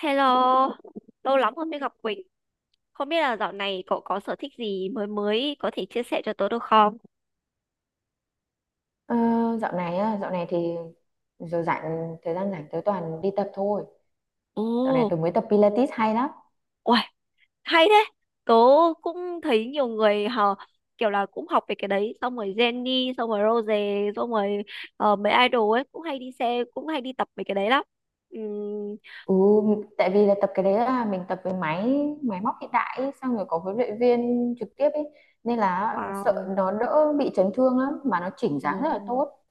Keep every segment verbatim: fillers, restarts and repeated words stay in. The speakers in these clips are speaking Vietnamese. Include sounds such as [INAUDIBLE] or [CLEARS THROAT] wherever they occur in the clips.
Hello, lâu lắm không mới gặp Quỳnh. Không biết là dạo này cậu có sở thích gì mới mới có thể chia sẻ cho tớ được không? Ờ, dạo này á, dạo này thì giờ rảnh thời gian rảnh tới toàn đi tập thôi. Dạo này Ồ, tôi mới tập Pilates hay lắm. uầy, hay thế. Tớ cũng thấy nhiều người họ kiểu là cũng học về cái đấy, xong rồi Jennie, xong rồi Rose, xong rồi ờ, mấy idol ấy cũng hay đi xe, cũng hay đi tập về cái đấy lắm. Ừm, Ừ, tại vì là tập cái đấy là mình tập với máy máy móc hiện đại ấy, xong rồi có huấn luyện viên trực tiếp ấy nên là sợ wow, nó đỡ bị chấn thương lắm mà nó chỉnh ồ, dáng rất là tốt.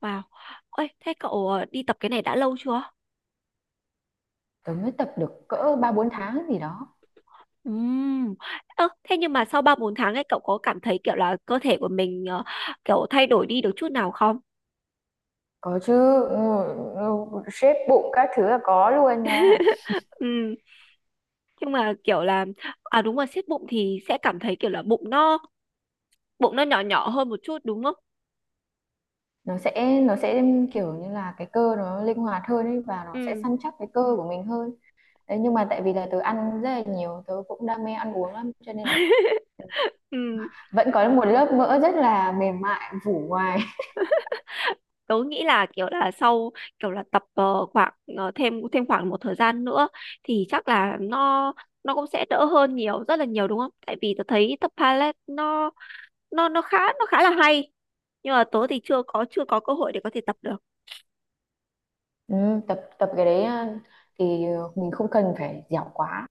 wow. Ôi, thế cậu ờ, đi tập cái này đã lâu chưa? Tôi mới tập được cỡ ba bốn tháng gì đó. Ừm. Ơ, thế nhưng mà sau ba bốn tháng ấy cậu có cảm thấy kiểu là cơ thể của mình ờ, kiểu thay đổi đi được chút nào không? Có chứ, ừ, ừ, shape bụng các thứ là có luôn nha. Ừm. Nhưng mà kiểu là, à đúng rồi, siết bụng thì sẽ cảm thấy kiểu là bụng nó bụng nó nhỏ nhỏ hơn một chút đúng không? Nó sẽ nó sẽ kiểu như là cái cơ nó linh hoạt hơn ấy và nó sẽ săn chắc cái cơ của mình hơn. Đấy, nhưng mà tại vì là tớ ăn rất là nhiều, tớ cũng đam mê ăn uống lắm cho nên là Ừ. vẫn có một lớp mỡ rất là mềm mại phủ ngoài. [LAUGHS] Tớ nghĩ là kiểu là sau, kiểu là tập ờ, khoảng ờ, thêm thêm khoảng một thời gian nữa thì chắc là nó nó cũng sẽ đỡ hơn nhiều rất là nhiều đúng không? Tại vì tớ thấy tập ballet nó nó nó khá nó khá là hay, nhưng mà tớ thì chưa có chưa có cơ hội để có thể tập được. Ừ, tập tập cái đấy ờ, thì mình không cần phải dẻo quá,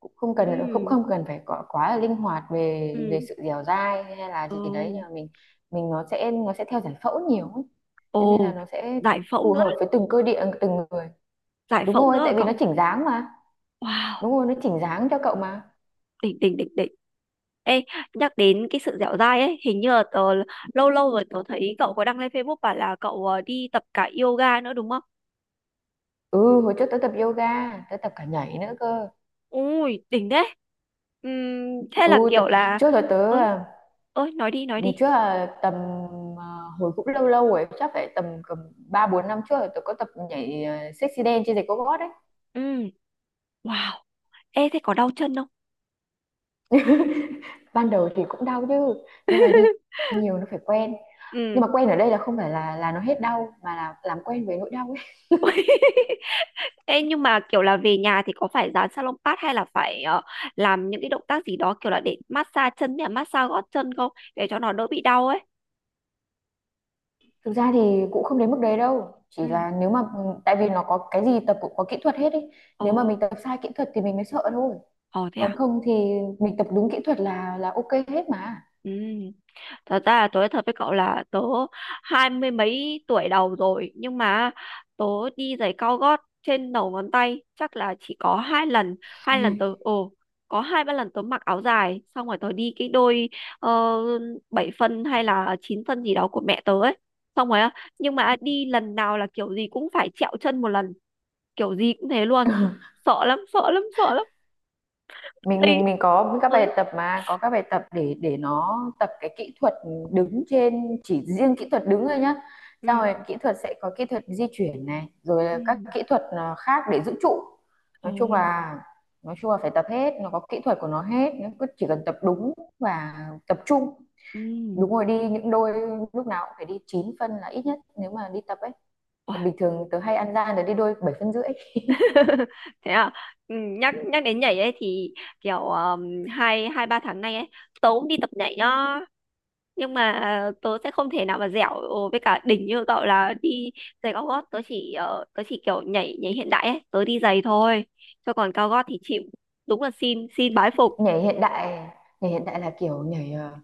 cũng không cần cũng Ừ, không cần phải quá, quá là linh hoạt về về ừ, sự dẻo dai hay là ừ. gì đấy nhưng mà mình mình nó sẽ nó sẽ theo giải phẫu nhiều ấy. Thế nên là Ồ, nó sẽ giải phẫu phù nữa hợp với từng cơ địa từng người. giải Đúng phẫu nữa rồi, rồi tại vì cậu. nó chỉnh dáng mà. Wow, Đúng rồi, nó chỉnh dáng cho cậu mà. đỉnh đỉnh đỉnh đỉnh. Ê, nhắc đến cái sự dẻo dai ấy, hình như là tớ lâu lâu rồi tớ thấy cậu có đăng lên Facebook bảo là cậu ờ, đi tập cả yoga nữa đúng không? Ừ, hồi trước tớ tập yoga, tớ tập cả nhảy nữa cơ. Ui, đỉnh đấy. Ừm, thế Ừ, là tớ, kiểu là, trước là tớ ơi, à, ơi, nói đi, nói đợt đi. trước là tầm à, hồi cũng lâu lâu rồi chắc phải tầm cầm ba bốn năm trước là tớ có tập nhảy, à, sexy dance trên giày cao gót đấy. Ừm, wow. Ê thế có đau chân không? Ban đầu thì cũng đau chứ nhưng mà đi [LAUGHS] nhiều nó phải quen, Ừm. nhưng mà quen ở đây là không phải là là nó hết đau mà là làm quen với nỗi đau ấy. Ê, nhưng mà kiểu là về nhà thì có phải dán salon pad hay là phải ờ, làm những cái động tác gì đó kiểu là để massage chân hay là massage gót chân không, để cho nó đỡ bị đau ấy. [LAUGHS] Thực ra thì cũng không đến mức đấy đâu, chỉ Ừ. là nếu mà ừ, tại vì nó có cái gì tập cũng có kỹ thuật hết ấy, nếu mà Ồ, mình tập sai kỹ thuật thì mình mới sợ thôi, ồ thế còn à? không thì mình tập đúng kỹ thuật là là ok hết mà. Ừ. Thật ra là tớ nói thật với cậu là tớ hai mươi mấy tuổi đầu rồi, nhưng mà tớ đi giày cao gót trên đầu ngón tay chắc là chỉ có hai lần, hai lần tớ ồ có hai ba lần tớ mặc áo dài xong rồi tớ đi cái đôi uh, bảy phân hay là chín phân gì đó của mẹ tớ ấy, xong rồi á, nhưng mà đi lần nào là kiểu gì cũng phải trẹo chân một lần, kiểu gì cũng thế luôn, [LAUGHS] sợ lắm sợ lắm sợ lắm. mình Đi. mình mình có các bài Ơi. tập mà có các bài tập để để nó tập cái kỹ thuật đứng, trên chỉ riêng kỹ thuật đứng thôi nhá, xong Ừ, rồi kỹ thuật sẽ có kỹ thuật di chuyển này rồi ừ, là các kỹ thuật à, khác để giữ trụ. ồ, Nói chung là nói chung là phải tập hết, nó có kỹ thuật của nó hết, nó cứ chỉ cần tập đúng và tập trung. ừ, Đúng rồi, đi những đôi lúc nào cũng phải đi chín phân là ít nhất nếu mà đi tập ấy, còn bình thường tớ hay ăn gian để đi đôi bảy phân rưỡi. thế à. Ừ, nhắc nhắc đến nhảy ấy thì kiểu um, hai hai ba tháng nay ấy tớ cũng đi tập nhảy nhá. Nhưng mà ờ, tớ sẽ không thể nào mà dẻo với cả đỉnh như cậu là đi giày cao gót, tớ chỉ ờ, tớ chỉ kiểu nhảy nhảy hiện đại ấy, tớ đi giày thôi, cho còn cao gót thì chịu. Đúng là xin xin bái phục. Nhảy hiện đại nhảy hiện đại là kiểu nhảy, ờ,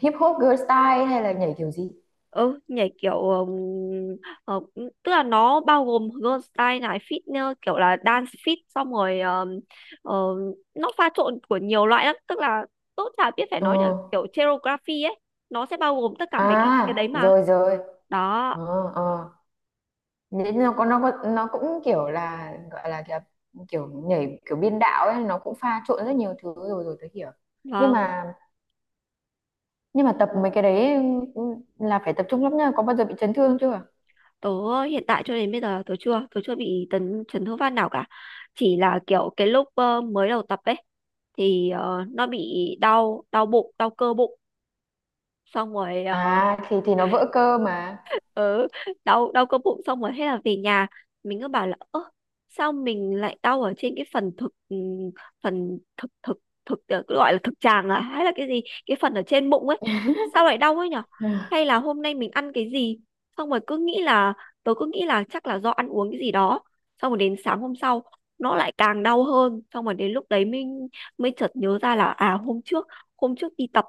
hip hop girl style hay là nhảy kiểu gì? Ừ, nhảy kiểu ừm, ờ, tức là nó bao gồm girl style này, fitness, kiểu là dance fit, xong rồi ờm, ờ, nó pha trộn của nhiều loại lắm, tức là tốt chả biết phải Ờ, nói, là kiểu choreography ấy, nó sẽ bao gồm tất cả mấy cái cái đấy à mà. rồi rồi. Đó. Ờ, ờ. Nhảy nó có nó có nó cũng kiểu là gọi là kiểu, kiểu nhảy kiểu biên đạo ấy, nó cũng pha trộn rất nhiều thứ rồi rồi tới hiểu. nhưng Vâng, mà nhưng mà tập mấy cái đấy, ừ, là phải tập trung lắm nha. Có bao giờ bị chấn thương chưa? tớ hiện tại cho đến bây giờ tớ chưa tớ chưa bị tấn chấn thương phát nào cả, chỉ là kiểu cái lúc ờ, mới đầu tập ấy thì ờ, nó bị đau đau bụng đau cơ bụng, xong rồi ờ, À, thì thì nó vỡ cơ mà. ừ, đau đau cơ bụng xong rồi thế là về nhà, mình cứ bảo là: Ơ, sao mình lại đau ở trên cái phần thực, ừm, phần thực thực thực ờ, cứ gọi là thực tràng à, hay là cái gì, cái phần ở trên bụng ấy, sao lại đau ấy nhở? Hay là hôm nay mình ăn cái gì? Xong rồi cứ nghĩ là, tớ cứ nghĩ là chắc là do ăn uống cái gì đó, xong rồi đến sáng hôm sau nó lại càng đau hơn, xong rồi đến lúc đấy mình mới chợt nhớ ra là à, hôm trước, hôm trước đi tập.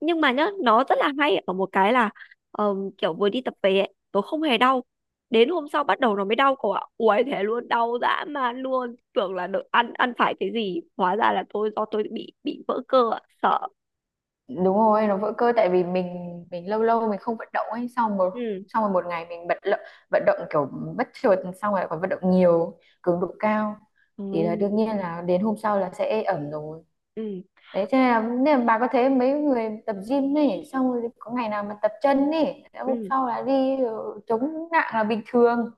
Nhưng mà nhá, nó rất là hay ở một cái là ờm, kiểu vừa đi tập về ấy, tôi không hề đau, đến hôm sau bắt đầu nó mới dao cậu ạ. Uầy, thế luôn, đau dã man luôn, tưởng là được ăn ăn phải cái gì, hóa ra là tôi, do tôi bị bị vỡ cơ ạ, sợ. Đúng rồi nó vỡ cơ tại vì mình mình lâu lâu mình không vận động ấy, xong một Ừ, xong rồi một ngày mình bật lợ, vận động kiểu bất chợt, xong rồi còn vận động nhiều cường độ cao ừ, thì là đương nhiên là đến hôm sau là sẽ ê ẩm rồi. ừ, Đấy cho nên là, nên là bà có thấy mấy người tập gym ấy xong rồi có ngày nào mà tập chân ấy hôm ừ, sau là đi ờ, chống nặng là bình thường.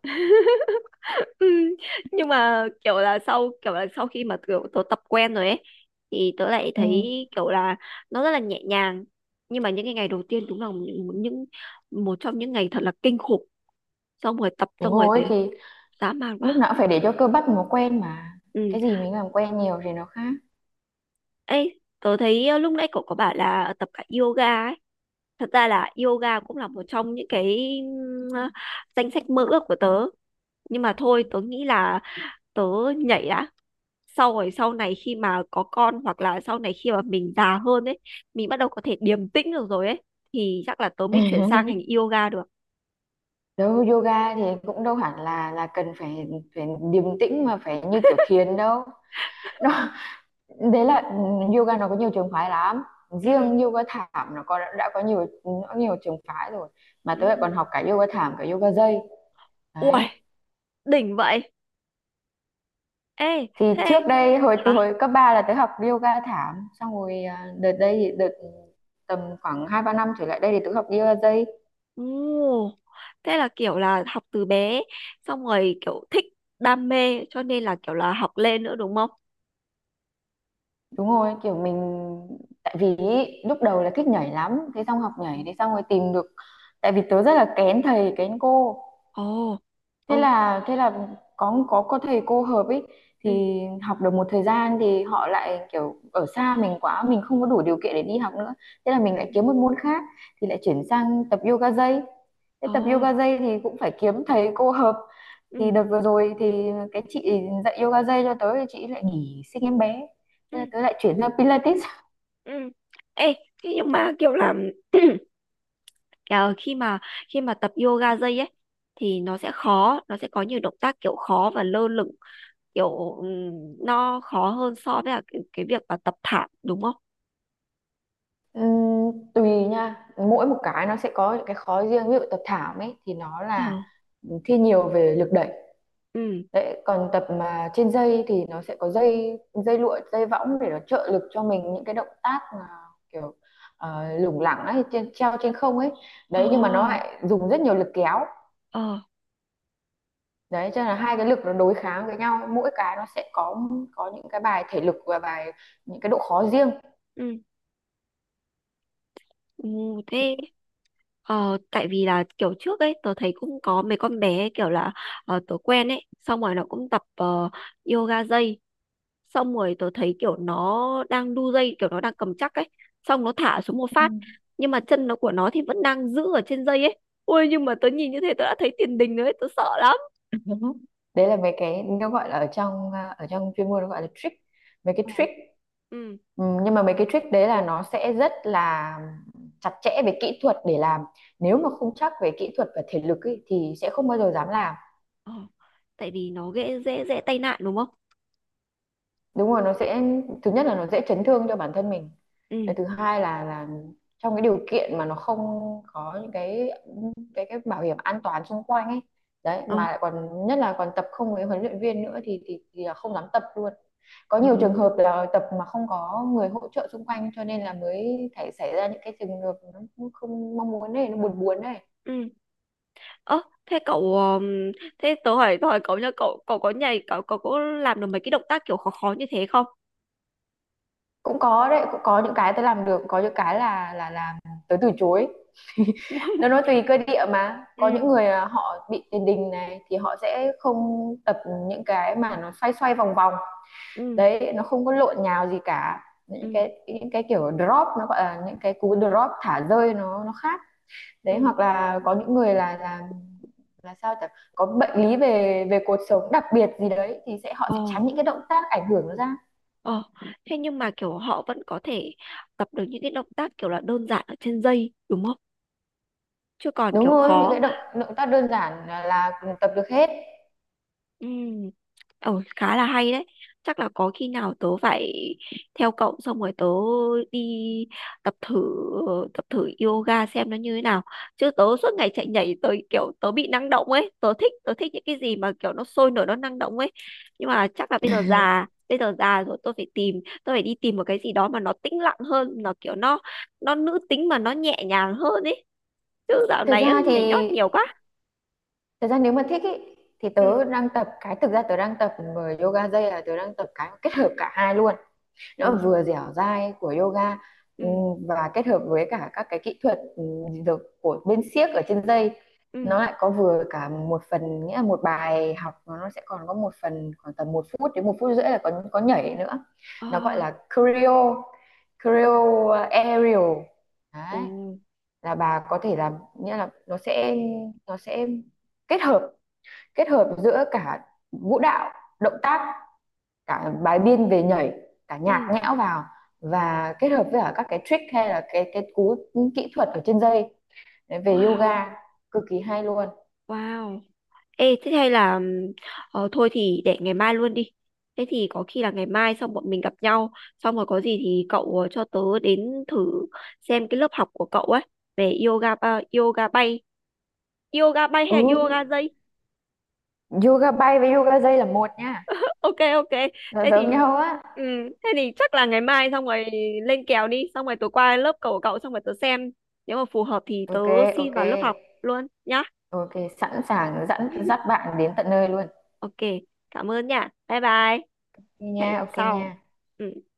ừ. [LAUGHS] Nhưng mà kiểu là sau, kiểu là sau khi mà kiểu tôi tập quen rồi ấy thì tớ lại thấy Ừ, kiểu là nó rất là nhẹ nhàng. Nhưng mà những cái ngày đầu tiên đúng là những, những một trong những ngày thật là kinh khủng, xong rồi tập đúng xong rồi rồi thì thì dã man lúc quá. nào cũng phải để cho cơ bắp nó quen mà, Ừ. cái gì mình làm quen nhiều thì nó khác. Ê, tớ thấy ờ, lúc nãy cậu có bảo là tập cả yoga ấy. Thật ra là yoga cũng là một trong những cái ừm, ờ, danh sách mơ ước của tớ, nhưng mà thôi tớ nghĩ là tớ nhảy đã, sau rồi sau này khi mà có con hoặc là sau này khi mà mình già hơn ấy, mình bắt đầu có thể điềm tĩnh được rồi ấy thì chắc là tớ mới chuyển sang hành [LAUGHS] yoga được. Đâu yoga thì cũng đâu hẳn là là cần phải phải điềm tĩnh mà phải như kiểu thiền đâu. [LAUGHS] Nó đấy là ừ, Yoga nó có nhiều trường phái lắm. Ừ, Riêng yoga thảm nó có đã có nhiều nó nhiều trường phái rồi. Mà ừ, tớ lại còn học cả yoga thảm cả yoga dây. ui Đấy. đỉnh vậy. Ê, Thì thế trước đây hồi từ hả? hồi cấp ba là tớ học yoga thảm, xong rồi à, đợt đây thì đợt tầm khoảng hai ba năm trở lại đây thì tớ học yoga dây. Ồ, thế là kiểu là học từ bé xong rồi kiểu thích đam mê cho nên là kiểu là học lên nữa đúng không? Đúng rồi, kiểu mình tại vì ý, lúc đầu là thích nhảy lắm, thế xong học nhảy thế xong rồi tìm được, tại vì tớ rất là kén thầy kén cô. Ồ, Thế ừ, là thế là có có có thầy cô hợp ấy ừ, thì học được một thời gian thì họ lại kiểu ở xa mình quá, mình không có đủ điều kiện để đi học nữa. Thế là mình lại kiếm một môn khác thì lại chuyển sang tập yoga dây. Thế tập ồ, yoga dây thì cũng phải kiếm thầy cô hợp. Thì ừ, đợt vừa rồi thì cái chị dạy yoga dây cho tớ thì chị lại nghỉ sinh em bé. ừ, Thế là tớ lại chuyển sang Pilates. ừ. Ê, thế nhưng mà kiểu là [CLEARS THROAT] kiểu khi mà khi mà tập yoga dây ấy thì nó sẽ khó, nó sẽ có nhiều động tác kiểu khó và lơ lửng, kiểu ừm, nó khó hơn so với là cái, cái việc mà tập thảm đúng không? Ừm, tùy nha, mỗi một cái nó sẽ có những cái khó riêng. Ví dụ tập thảm ấy thì nó là Ờ, thi nhiều về lực đẩy, ừ, đấy còn tập mà trên dây thì nó sẽ có dây, dây lụa dây võng để nó trợ lực cho mình những cái động tác mà kiểu ờ, lủng lẳng ấy, trên, treo trên không ấy. ờ, Đấy nhưng mà nó lại dùng rất nhiều lực kéo, ờ, đấy cho nên là hai cái lực nó đối kháng với nhau, mỗi cái nó sẽ có có những cái bài thể lực và bài những cái độ khó riêng. ừ, ừ, thế. Ờ, tại vì là kiểu trước ấy tớ thấy cũng có mấy con bé ấy, kiểu là ờ, tớ quen ấy xong rồi nó cũng tập ờ, yoga dây, xong rồi tớ thấy kiểu nó đang đu dây, kiểu nó đang cầm chắc ấy, xong nó thả xuống một phát, nhưng mà chân nó của nó thì vẫn đang giữ ở trên dây ấy. Ôi, nhưng mà tớ nhìn như thế tớ đã thấy tiền đình rồi ấy, tớ sợ lắm. Đúng. Đấy là mấy cái nó gọi là ở trong, à, ở trong chuyên môn nó gọi là trick mấy cái Ờ, trick ừ, Ừ, nhưng mà mấy cái trick đấy là nó sẽ rất là chặt chẽ về kỹ thuật để làm, nếu ừ, mà không chắc về kỹ thuật và thể lực ấy, thì sẽ không bao giờ dám làm. ờ. Tại vì nó dễ dễ dễ tai nạn đúng không? Đúng rồi nó sẽ, thứ nhất là nó dễ chấn thương cho bản thân mình. Ừ. Cái thứ hai là là trong cái điều kiện mà nó không có những cái cái cái bảo hiểm an toàn xung quanh ấy, đấy Ờ. mà lại còn nhất là còn tập không với huấn luyện viên nữa thì thì, thì là không dám tập luôn. Có Ừ. nhiều trường hợp là tập mà không có người hỗ trợ xung quanh cho nên là mới thể xảy ra những cái trường hợp nó không mong muốn này, nó buồn buồn này. Ừ. Ơ, thế cậu ờm, thế tớ hỏi, tớ hỏi cậu nhá, cậu cậu có nhảy cậu cậu có làm được mấy cái động tác kiểu khó khó như thế không? Cũng có đấy, cũng có những cái tớ làm được, có những cái là là làm tới từ chối. Nó nói [LAUGHS] tùy cơ địa mà, có Ừ, những người à, họ bị tiền đình này thì họ sẽ không tập những cái mà nó xoay xoay vòng vòng, ừ, đấy nó không có lộn nhào gì cả, những ừ, cái những cái kiểu drop, nó gọi là những cái cú drop thả rơi, nó nó khác. Đấy ừ. hoặc là có những người là là là sao chẳng có bệnh lý về về cột sống đặc biệt gì đấy thì sẽ họ sẽ Ồ, tránh những cái động tác ảnh hưởng nó ra. ồ. Thế nhưng mà kiểu họ vẫn có thể tập được những cái động tác kiểu là đơn giản ở trên dây đúng không? Chứ còn Đúng kiểu rồi những khó. cái động động tác đơn giản là, là tập được hết. [LAUGHS] Ừ. Ừ, khá là hay đấy. Chắc là có khi nào tớ phải theo cậu xong rồi tớ đi tập thử tập thử yoga xem nó như thế nào. Chứ tớ suốt ngày chạy nhảy, tớ kiểu tớ bị năng động ấy, tớ thích tớ thích những cái gì mà kiểu nó sôi nổi nó năng động ấy. Nhưng mà chắc là bây giờ già, bây giờ già rồi, tôi phải tìm, tôi phải đi tìm một cái gì đó mà nó tĩnh lặng hơn, nó kiểu nó nó nữ tính mà nó nhẹ nhàng hơn ấy. Chứ dạo thực này á, ra nhảy thì nhót nhiều quá. Thật ra nếu mà thích ý, thì Ừ. tớ đang tập cái, thực ra tớ đang tập vừa yoga dây là tớ đang tập cái kết hợp cả hai luôn. Ồ. Nó vừa dẻo dai của yoga, Ừ. ừm, và kết hợp với cả các cái kỹ thuật ừm, được của bên xiếc ở trên dây. Ừ. Nó lại có vừa cả một phần, nghĩa là một bài học nó nó sẽ còn có một phần khoảng tầm một phút đến một phút rưỡi là có có nhảy nữa. Ồ. Nó gọi là choreo Ừ. choreo aerial. Đấy Ồ, là bà có thể làm, nghĩa là nó sẽ nó sẽ kết hợp kết hợp giữa cả vũ đạo, động tác, cả bài biên về nhảy, cả nhạc ừ, nhẽo vào. Và kết hợp với cả các cái trick hay là cái cái cú kỹ thuật ở trên dây. Đấy, về wow, yoga cực kỳ hay luôn. wow. Ê, thế hay là ừm, ờ, thôi thì để ngày mai luôn đi. Thế thì có khi là ngày mai xong bọn mình gặp nhau, xong rồi có gì thì cậu ờ, cho tớ đến thử xem cái lớp học của cậu ấy về yoga à, yoga bay, yoga bay hay Ừ, là yoga dây. yoga bay với yoga dây là một nha, [LAUGHS] Ok ok. nó Thế giống thì nhau á. ừm, thế thì chắc là ngày mai xong rồi lên kèo đi, xong rồi tớ qua lớp cậu của cậu xong rồi tớ xem nếu mà phù hợp thì tớ Ok, xin ok, vào lớp học luôn nhá. ok, sẵn sàng dẫn dắt bạn đến tận nơi luôn. Ok, cảm ơn nha. Bye bye. Ok nha, Hẹn gặp ok nha. sau. Ừ.